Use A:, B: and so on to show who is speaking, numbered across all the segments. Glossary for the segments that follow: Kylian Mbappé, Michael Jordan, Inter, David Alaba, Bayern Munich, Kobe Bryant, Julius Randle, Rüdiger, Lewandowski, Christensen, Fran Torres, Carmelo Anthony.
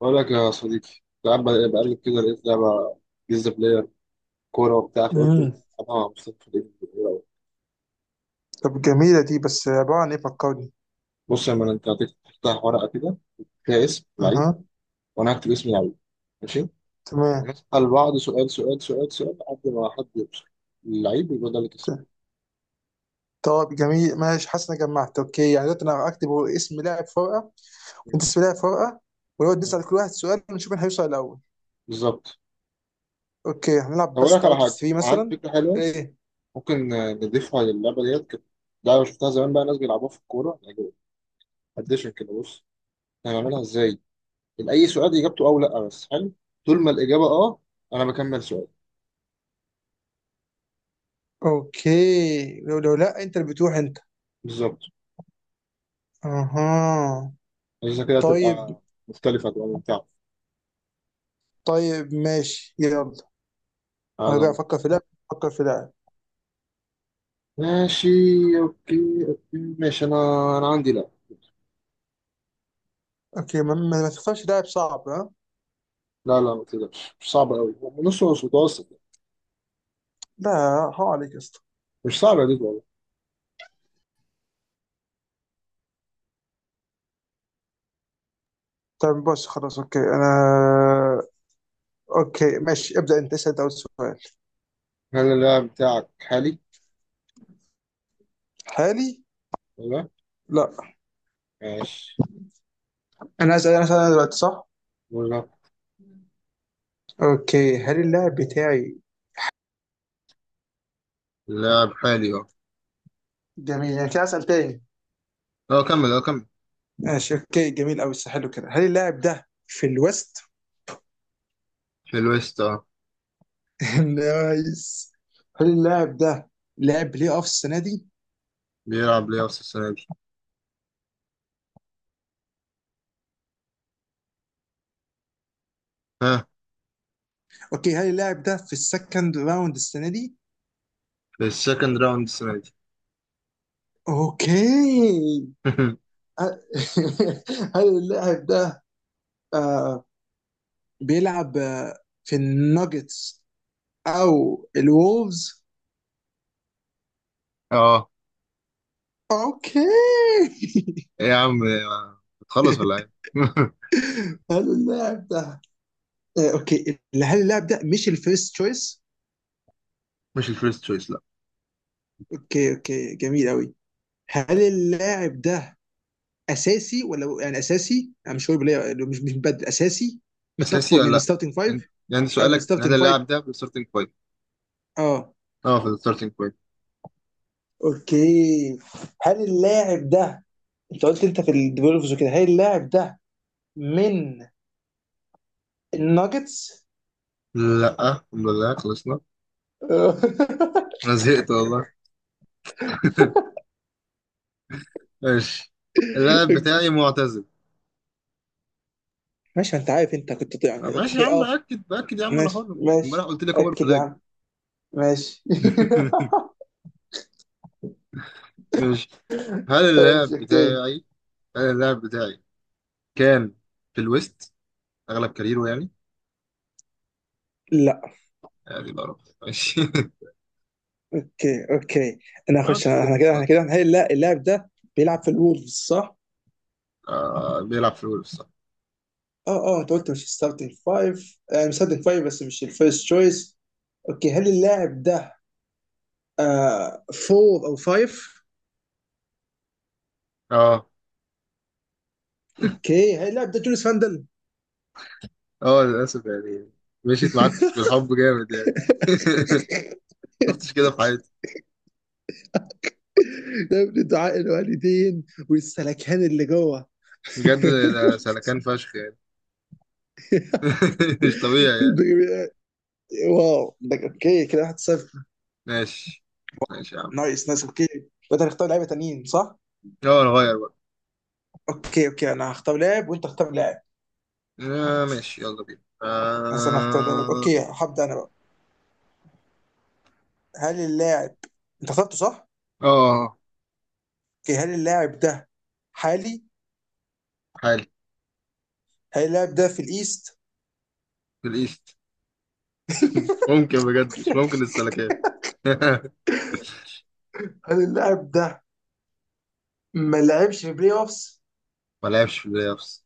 A: بقول لك يا صديقي، كنت قاعد بقلب كده لقيت لعبة جيزة بلاير، كورة وبتاع، فقلت
B: امم
A: ما أنا مصطفى في الإيد الكورة.
B: طب جميلة دي بس عبارة عن ايه فكرني.
A: بص يا مان، أنت هتفتح ورقة كده فيها اسم لعيب،
B: اها،
A: وأنا هكتب اسم لعيب، ماشي.
B: تمام.
A: هنسأل بعض سؤال سؤال سؤال سؤال لحد ما حد يوصل اللعيب، يبقى ده اللي كسب.
B: ت- طب جميل، ماشي، حاسس اني جمعت. اوكي، يعني دلوقتي انا هكتب هو اسم لاعب فرقة، وانت اسم لاعب فرقة، ونقعد
A: تمام،
B: نسأل كل واحد سؤال ونشوف مين هيوصل الأول.
A: بالظبط.
B: اوكي هنلعب
A: هقول لك
B: بست
A: على
B: اوت اوف
A: حاجة،
B: 3
A: عندي
B: مثلا.
A: فكرة حلوة،
B: ايه،
A: ممكن نضيفها للعبة ديت كده. لعبة شفتها زمان بقى، ناس بيلعبوها في الكورة يعني، أديشن كده. بص هنعملها إزاي: اي سؤال اجابته او لا بس حلو، طول ما الاجابه اه، انا بكمل سؤال.
B: اوكي، لو لو لا انت اللي بتروح انت.
A: بالظبط،
B: اها،
A: عشان كده
B: طيب.
A: تبقى مختلفه، تبقى ممتعه.
B: طيب ماشي يلا. هرجع
A: هذا.
B: افكر في لاعب، افكر في لاعب.
A: ماشي. اوكي، اوكي، ماشي، انا عندي. لا،
B: اوكي ما تختارش لاعب صعب ها.
A: لا، لا، ما تقدرش، مش صعبه قوي، نص نص، متوسط يعني.
B: لا حرام عليك يا اسطى.
A: مش صعبه دي والله.
B: طب بص خلاص، اوكي انا. اوكي ماشي، ابدا انت اسال ده أول سؤال.
A: هل اللاعب بتاعك حالي
B: حالي،
A: ولا؟
B: لا.
A: ماشي،
B: انا اسال، انا اسال، أنا دلوقتي صح؟
A: ولا.
B: اوكي هل اللاعب بتاعي.
A: اللاعب حالي اه.
B: جميل، يعني كده اسال تاني.
A: اه كمل، اه كمل.
B: ماشي اوكي، جميل قوي، حلو كده. هل اللاعب ده في الويست؟
A: في الويست اه.
B: نايس. هل اللاعب ده لعب بلاي اوف السنه دي؟
A: بيلعب ليه اصلا السنه دي؟ ها.
B: اوكي هل اللاعب ده في السكند راوند السنه دي؟
A: في السكند راوند السنه دي.
B: اوكي، ه- هل اللاعب ده، آه، بيلعب، آه، في الناجتس او الولفز؟
A: اه.
B: اوكي
A: إيه يا عم؟ بتخلص ولا ايه؟
B: حلو اللاعب ده، آه، اوكي هل اللاعب ده مش الفيرست تشويس؟
A: مش الفيرست تشويس، لا.
B: اوكي اوكي، جميل قوي. هل اللاعب ده اساسي ولا، يعني اساسي انا مش هقول ليه، مش مبدل اساسي،
A: اساسي ولا
B: من
A: لا.
B: الستارتنج
A: أنت-
B: فايف؟
A: يعني
B: اه من
A: سؤالك هل
B: الستارتنج فايف،
A: اللاعب ده في الستارتنج بوينت؟
B: اه.
A: اه، في الستارتنج بوينت.
B: اوكي هل اللاعب ده، انت قلت انت في الديفلوبرز وكده، هل اللاعب ده من الناجتس؟
A: لا، الحمد لله خلصنا. انا زهقت والله. ماشي. اللاعب بتاعي معتزل.
B: ماشي، ما انت عارف انت كنت طيب، يعني
A: ماشي يا
B: اوكي
A: عم،
B: اه.
A: باكد باكد يا عم، انا
B: ماشي
A: حر. امبارح
B: ماشي.
A: قلت لك اوفر
B: اكد يا
A: فلاج.
B: عم. ماشي.
A: ماشي. هل
B: ماشي
A: اللاعب
B: اوكي.
A: بتاعي هل اللاعب بتاعي كان في الويست اغلب كاريره يعني
B: لا
A: يعني بقى رب. ماشي.
B: اوكي اوكي، انا
A: اه
B: هخش
A: انت كسبت
B: احنا كده، احنا
A: خلاص.
B: كده هنحل. لا اللاعب ده بيلعب في الولفز صح؟
A: آه بيلعب في الويست صح.
B: اه اه، انت قلت مش ستارتنج فايف، يعني ستارتنج فايف بس مش الفيرست تشويس. اوكي هل اللاعب ده، آه، فور او فايف؟
A: اه،
B: اوكي هل اللاعب ده جوليس فاندل؟
A: اه، للأسف يعني. مشيت معاك بالحب جامد يعني. شفتش كده في حياتي
B: ده ابن دعاء الوالدين والسلكان اللي جوه.
A: بجد. ده سلكان فشخ يعني. مش طبيعي يعني.
B: واو، ده اوكي كده 1-0.
A: ماشي، ماشي يا عم.
B: نايس نايس اوكي. وانت هتختار لعيبه تانيين صح؟
A: اه نغير بقى.
B: اوكي اوكي، انا هختار لاعب وانت هختار لاعب.
A: آه ماشي، يلا بينا.
B: بس انا هختار لاعب.
A: اه،
B: اوكي هبدا انا بقى. هل اللاعب انت اخترته صح؟
A: اه، آه،
B: اوكي هل اللاعب ده حالي؟
A: حالي.
B: هل اللاعب ده في الايست؟
A: في الإيست. مش ممكن بجد، مش ممكن السلكان.
B: هل اللاعب ده ما لعبش في بلاي اوفس؟
A: ما لعبش في البلاي أوفس.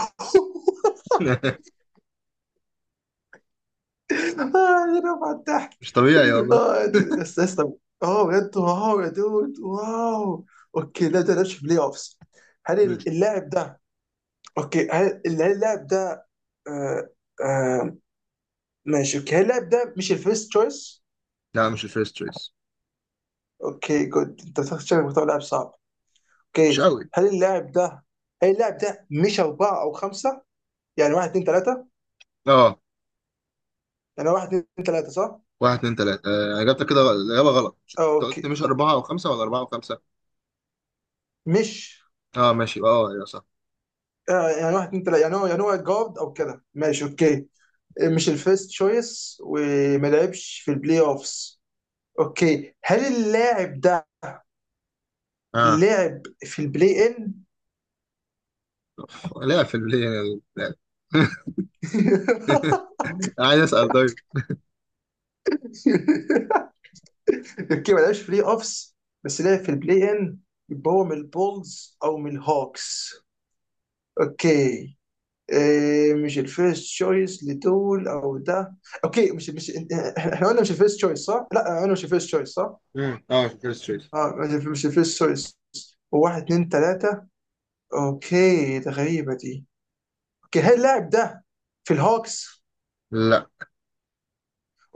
B: اه يا رفع الضحك.
A: مش طبيعي والله.
B: اه بس لسه. اه بجد، واو يا دود واو. اوكي لا ده لعبش بلاي اوفس. هل اللاعب ده، اوكي هل اللاعب ده، آه، آه، ماشي اوكي، هل اللاعب ده مش الفيرست تشويس؟
A: لا مش الفيرست تشويس.
B: اوكي جود، انت بتاخد شكلك بتاخد لاعب صعب.
A: مش
B: اوكي
A: قوي.
B: هل اللاعب ده، هل اللاعب ده مش أربعة أو خمسة؟ يعني واحد اتنين تلاتة؟
A: اه،
B: يعني واحد اتنين تلاتة صح؟
A: واحد اتنين تلاتة. آه، اجابتك كده الإجابة غلط،
B: آه
A: انت قلت
B: اوكي،
A: مش أربعة أو خمسة ولا أربعة وخمسة؟
B: مش،
A: اه ماشي، اه يا صح.
B: آه يعني واحد اتنين تلاتة، يعني هو، يعني هو جارد أو كده، ماشي اوكي. آه، مش الفيرست تشويس وما لعبش في البلاي اوفس. اوكي هل اللاعب ده
A: اه.
B: لعب في البلاي ان؟
A: لا، في البلاي لا. عايز اسال طيب.
B: تركيا ما لعبش في بلاي اوفس بس لعب في البلاي ان، يبقى هو من البولز او من الهوكس. اوكي إيه، مش الفيرست تشويس لدول او ده. اوكي مش، احنا قلنا مش الفيرست تشويس صح؟ لا قلنا مش الفيرست تشويس صح؟
A: مم. اه، فكرة ستريت.
B: اه مش الفيرست تشويس، واحد اتنين تلاتة. اوكي ده غريبة دي. اوكي هل اللاعب ده في الهوكس؟
A: لا،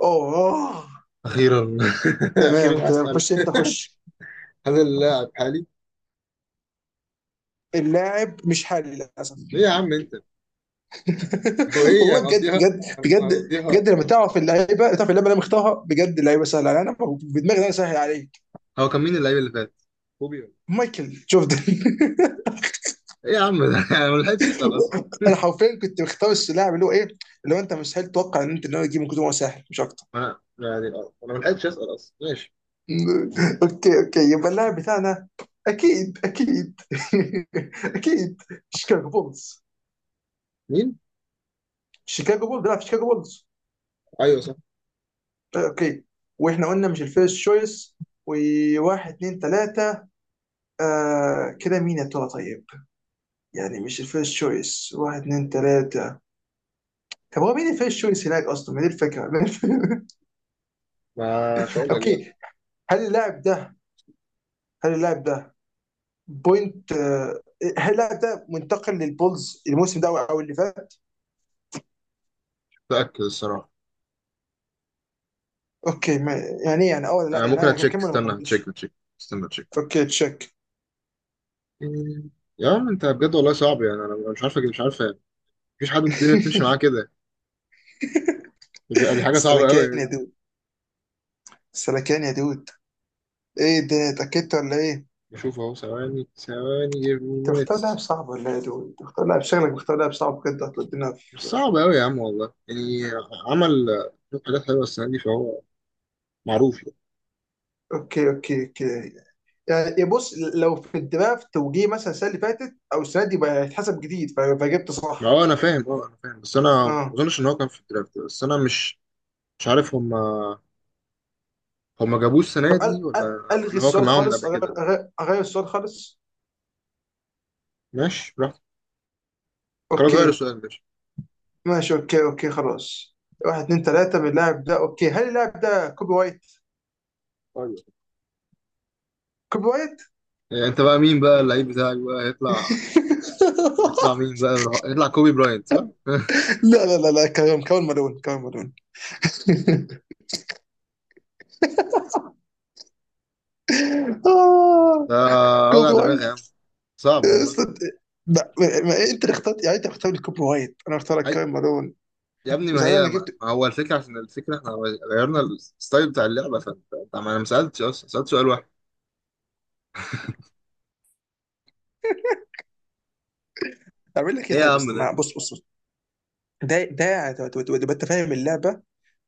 B: اوه أوه.
A: اخيرا.
B: تمام
A: اخيرا
B: تمام،
A: هسأل:
B: خش انت خش.
A: هل اللاعب حالي؟
B: اللاعب مش حالي للاسف.
A: ايه يا عم انت؟ هو ايه،
B: والله بجد
A: هنقضيها؟
B: بجد بجد.
A: هنقضيها.
B: بجد لما تعرف اللعيبه، تعرف اللعيبه اللي انا مختارها، بجد اللعيبه سهله عليا انا، في دماجي انا سهل عليك.
A: هو كان مين اللعيب اللي فات، كوبي ولا؟
B: مايكل جوردن.
A: ايه يا عم ده؟ انا ما لحقتش اسال اصلا.
B: انا حرفيا كنت مختار اللاعب اللي هو ايه، اللي هو انت مستحيل تتوقع ان انت ان هو يجيب من كتر ما هو سهل مش اكتر.
A: ما يعني اه، انا ما لحقتش اسال اصلا، ماشي.
B: اوكي اوكي، يبقى اللاعب بتاعنا، اكيد اكيد. اكيد شيكاغو بولز.
A: مين؟
B: شيكاغو بولز بيلعب في شيكاغو بولز.
A: ايوه صح.
B: اوكي، واحنا قلنا مش الفيرست شويس، وواحد اتنين تلاته. آه كده مين يا ترى طيب؟ يعني مش الفيرست تشويس، واحد اتنين تلاتة. طب هو مين الفيرست تشويس هناك أصلا، ما دي الفكرة.
A: ما مش هقول لك بقى.
B: أوكي هل اللاعب ده، هل اللاعب ده بوينت، آه، هل اللاعب ده منتقل للبولز الموسم ده أو اللي فات؟
A: متاكد الصراحه.
B: أوكي، ما يعني إيه، يعني أه ولا لا،
A: آه
B: يعني
A: ممكن
B: أنا
A: اتشيك،
B: هكمل ولا ما
A: استنى اتشيك،
B: أكملش؟
A: اتشيك، استنى اتشيك.
B: أوكي تشيك.
A: مم. يا عم انت بجد والله صعب يعني، انا مش عارف، مش عارف. مفيش حد في الدنيا بتمشي معاه كده بجد. دي حاجه صعبه قوي
B: سلكان يا
A: يعني.
B: دود، سلكان يا دود. إيه ده، اتأكدت ولا إيه؟
A: بشوف اهو، ثواني ثواني، give me
B: أنت مختار لاعب
A: minutes.
B: صعب ولا إيه يا دود؟ أنت مختار لاعب، شغلك مختار لاعب صعب بجد، هتودينا في.
A: مش صعب قوي يا عم والله يعني. عمل شوية حاجات حلوه السنه دي، فهو معروف يعني.
B: أوكي أوكي أوكي. يعني بص، لو في الدرافت توجيه مثلا السنه اللي فاتت او السنه دي بقى هيتحسب جديد، فجبت
A: ما
B: صح.
A: هو انا فاهم، انا فاهم، بس انا ما
B: اه
A: اظنش ان هو كان في الدرافت، بس انا مش عارف. هم جابوه السنه
B: طب أل
A: دي،
B: أل
A: ولا
B: الغي
A: ولا هو كان
B: السؤال
A: معاهم من
B: خالص،
A: قبل كده؟
B: أغير السؤال خالص.
A: ماشي، براحتك. خلاص غير
B: اوكي
A: السؤال، ماشي.
B: ماشي، اوكي اوكي خلاص. واحد اتنين تلاته من اللاعب ده. اوكي هل اللاعب ده كوبي وايت؟
A: طيب.
B: كوبي وايت؟
A: إيه، انت بقى مين بقى اللعيب بتاعك بقى هيطلع؟ هيطلع مين بقى؟ هيطلع كوبي براينت صح؟
B: لا لا لا لا، كمان كمان مالون، كمان مالون. آه،
A: ده وجع
B: كوبي
A: دماغ يا
B: وايت.
A: عم، صعب والله.
B: أصلاً- لا انت اللي اخترت، يعني انت اللي اخترت كوبي وايت، انا اخترت
A: أي
B: كمان مالون.
A: يا ابني، ما
B: وساعتها انا
A: هي ما
B: جبت.
A: ما هو الفكرة، عشان الفكرة احنا غيرنا الستايل بتاع اللعبة، ما انا ما سألتش اصلا، سألت سؤال واحد.
B: طب اقول لك ايه
A: ايه يا
B: طيب، بس
A: عم ده؟
B: ما بص بص بص، ده تبقى انت فاهم اللعبه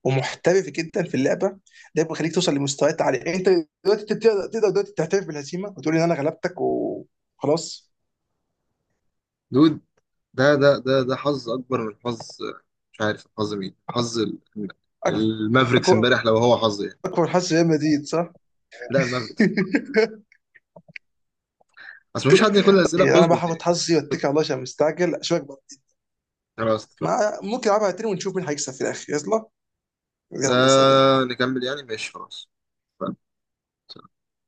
B: ومحترف جدا في اللعبه، ده بيخليك توصل لمستويات عاليه. انت دلوقتي تقدر دلوقتي تعترف بالهزيمه وتقول ان انا غلبتك وخلاص.
A: دود، ده حظ اكبر من حظ. مش عارف حظ مين، حظ
B: اكبر،
A: المافريكس
B: اكبر،
A: امبارح لو هو حظ يعني.
B: اكبر حظ ريال مدريد صح؟
A: لا، المافريكس. اصل مفيش حد كل الأسئلة
B: انا بقى
A: بتظبط
B: هاخد
A: يعني.
B: حظي واتكل على الله عشان مستعجل اشوفك بقى.
A: خلاص اتفقنا.
B: ما ممكن العبها تاني ونشوف مين هيكسب في الاخر، يلا.
A: ده
B: يلا سلام.
A: نكمل يعني، ماشي، خلاص. اتفقنا.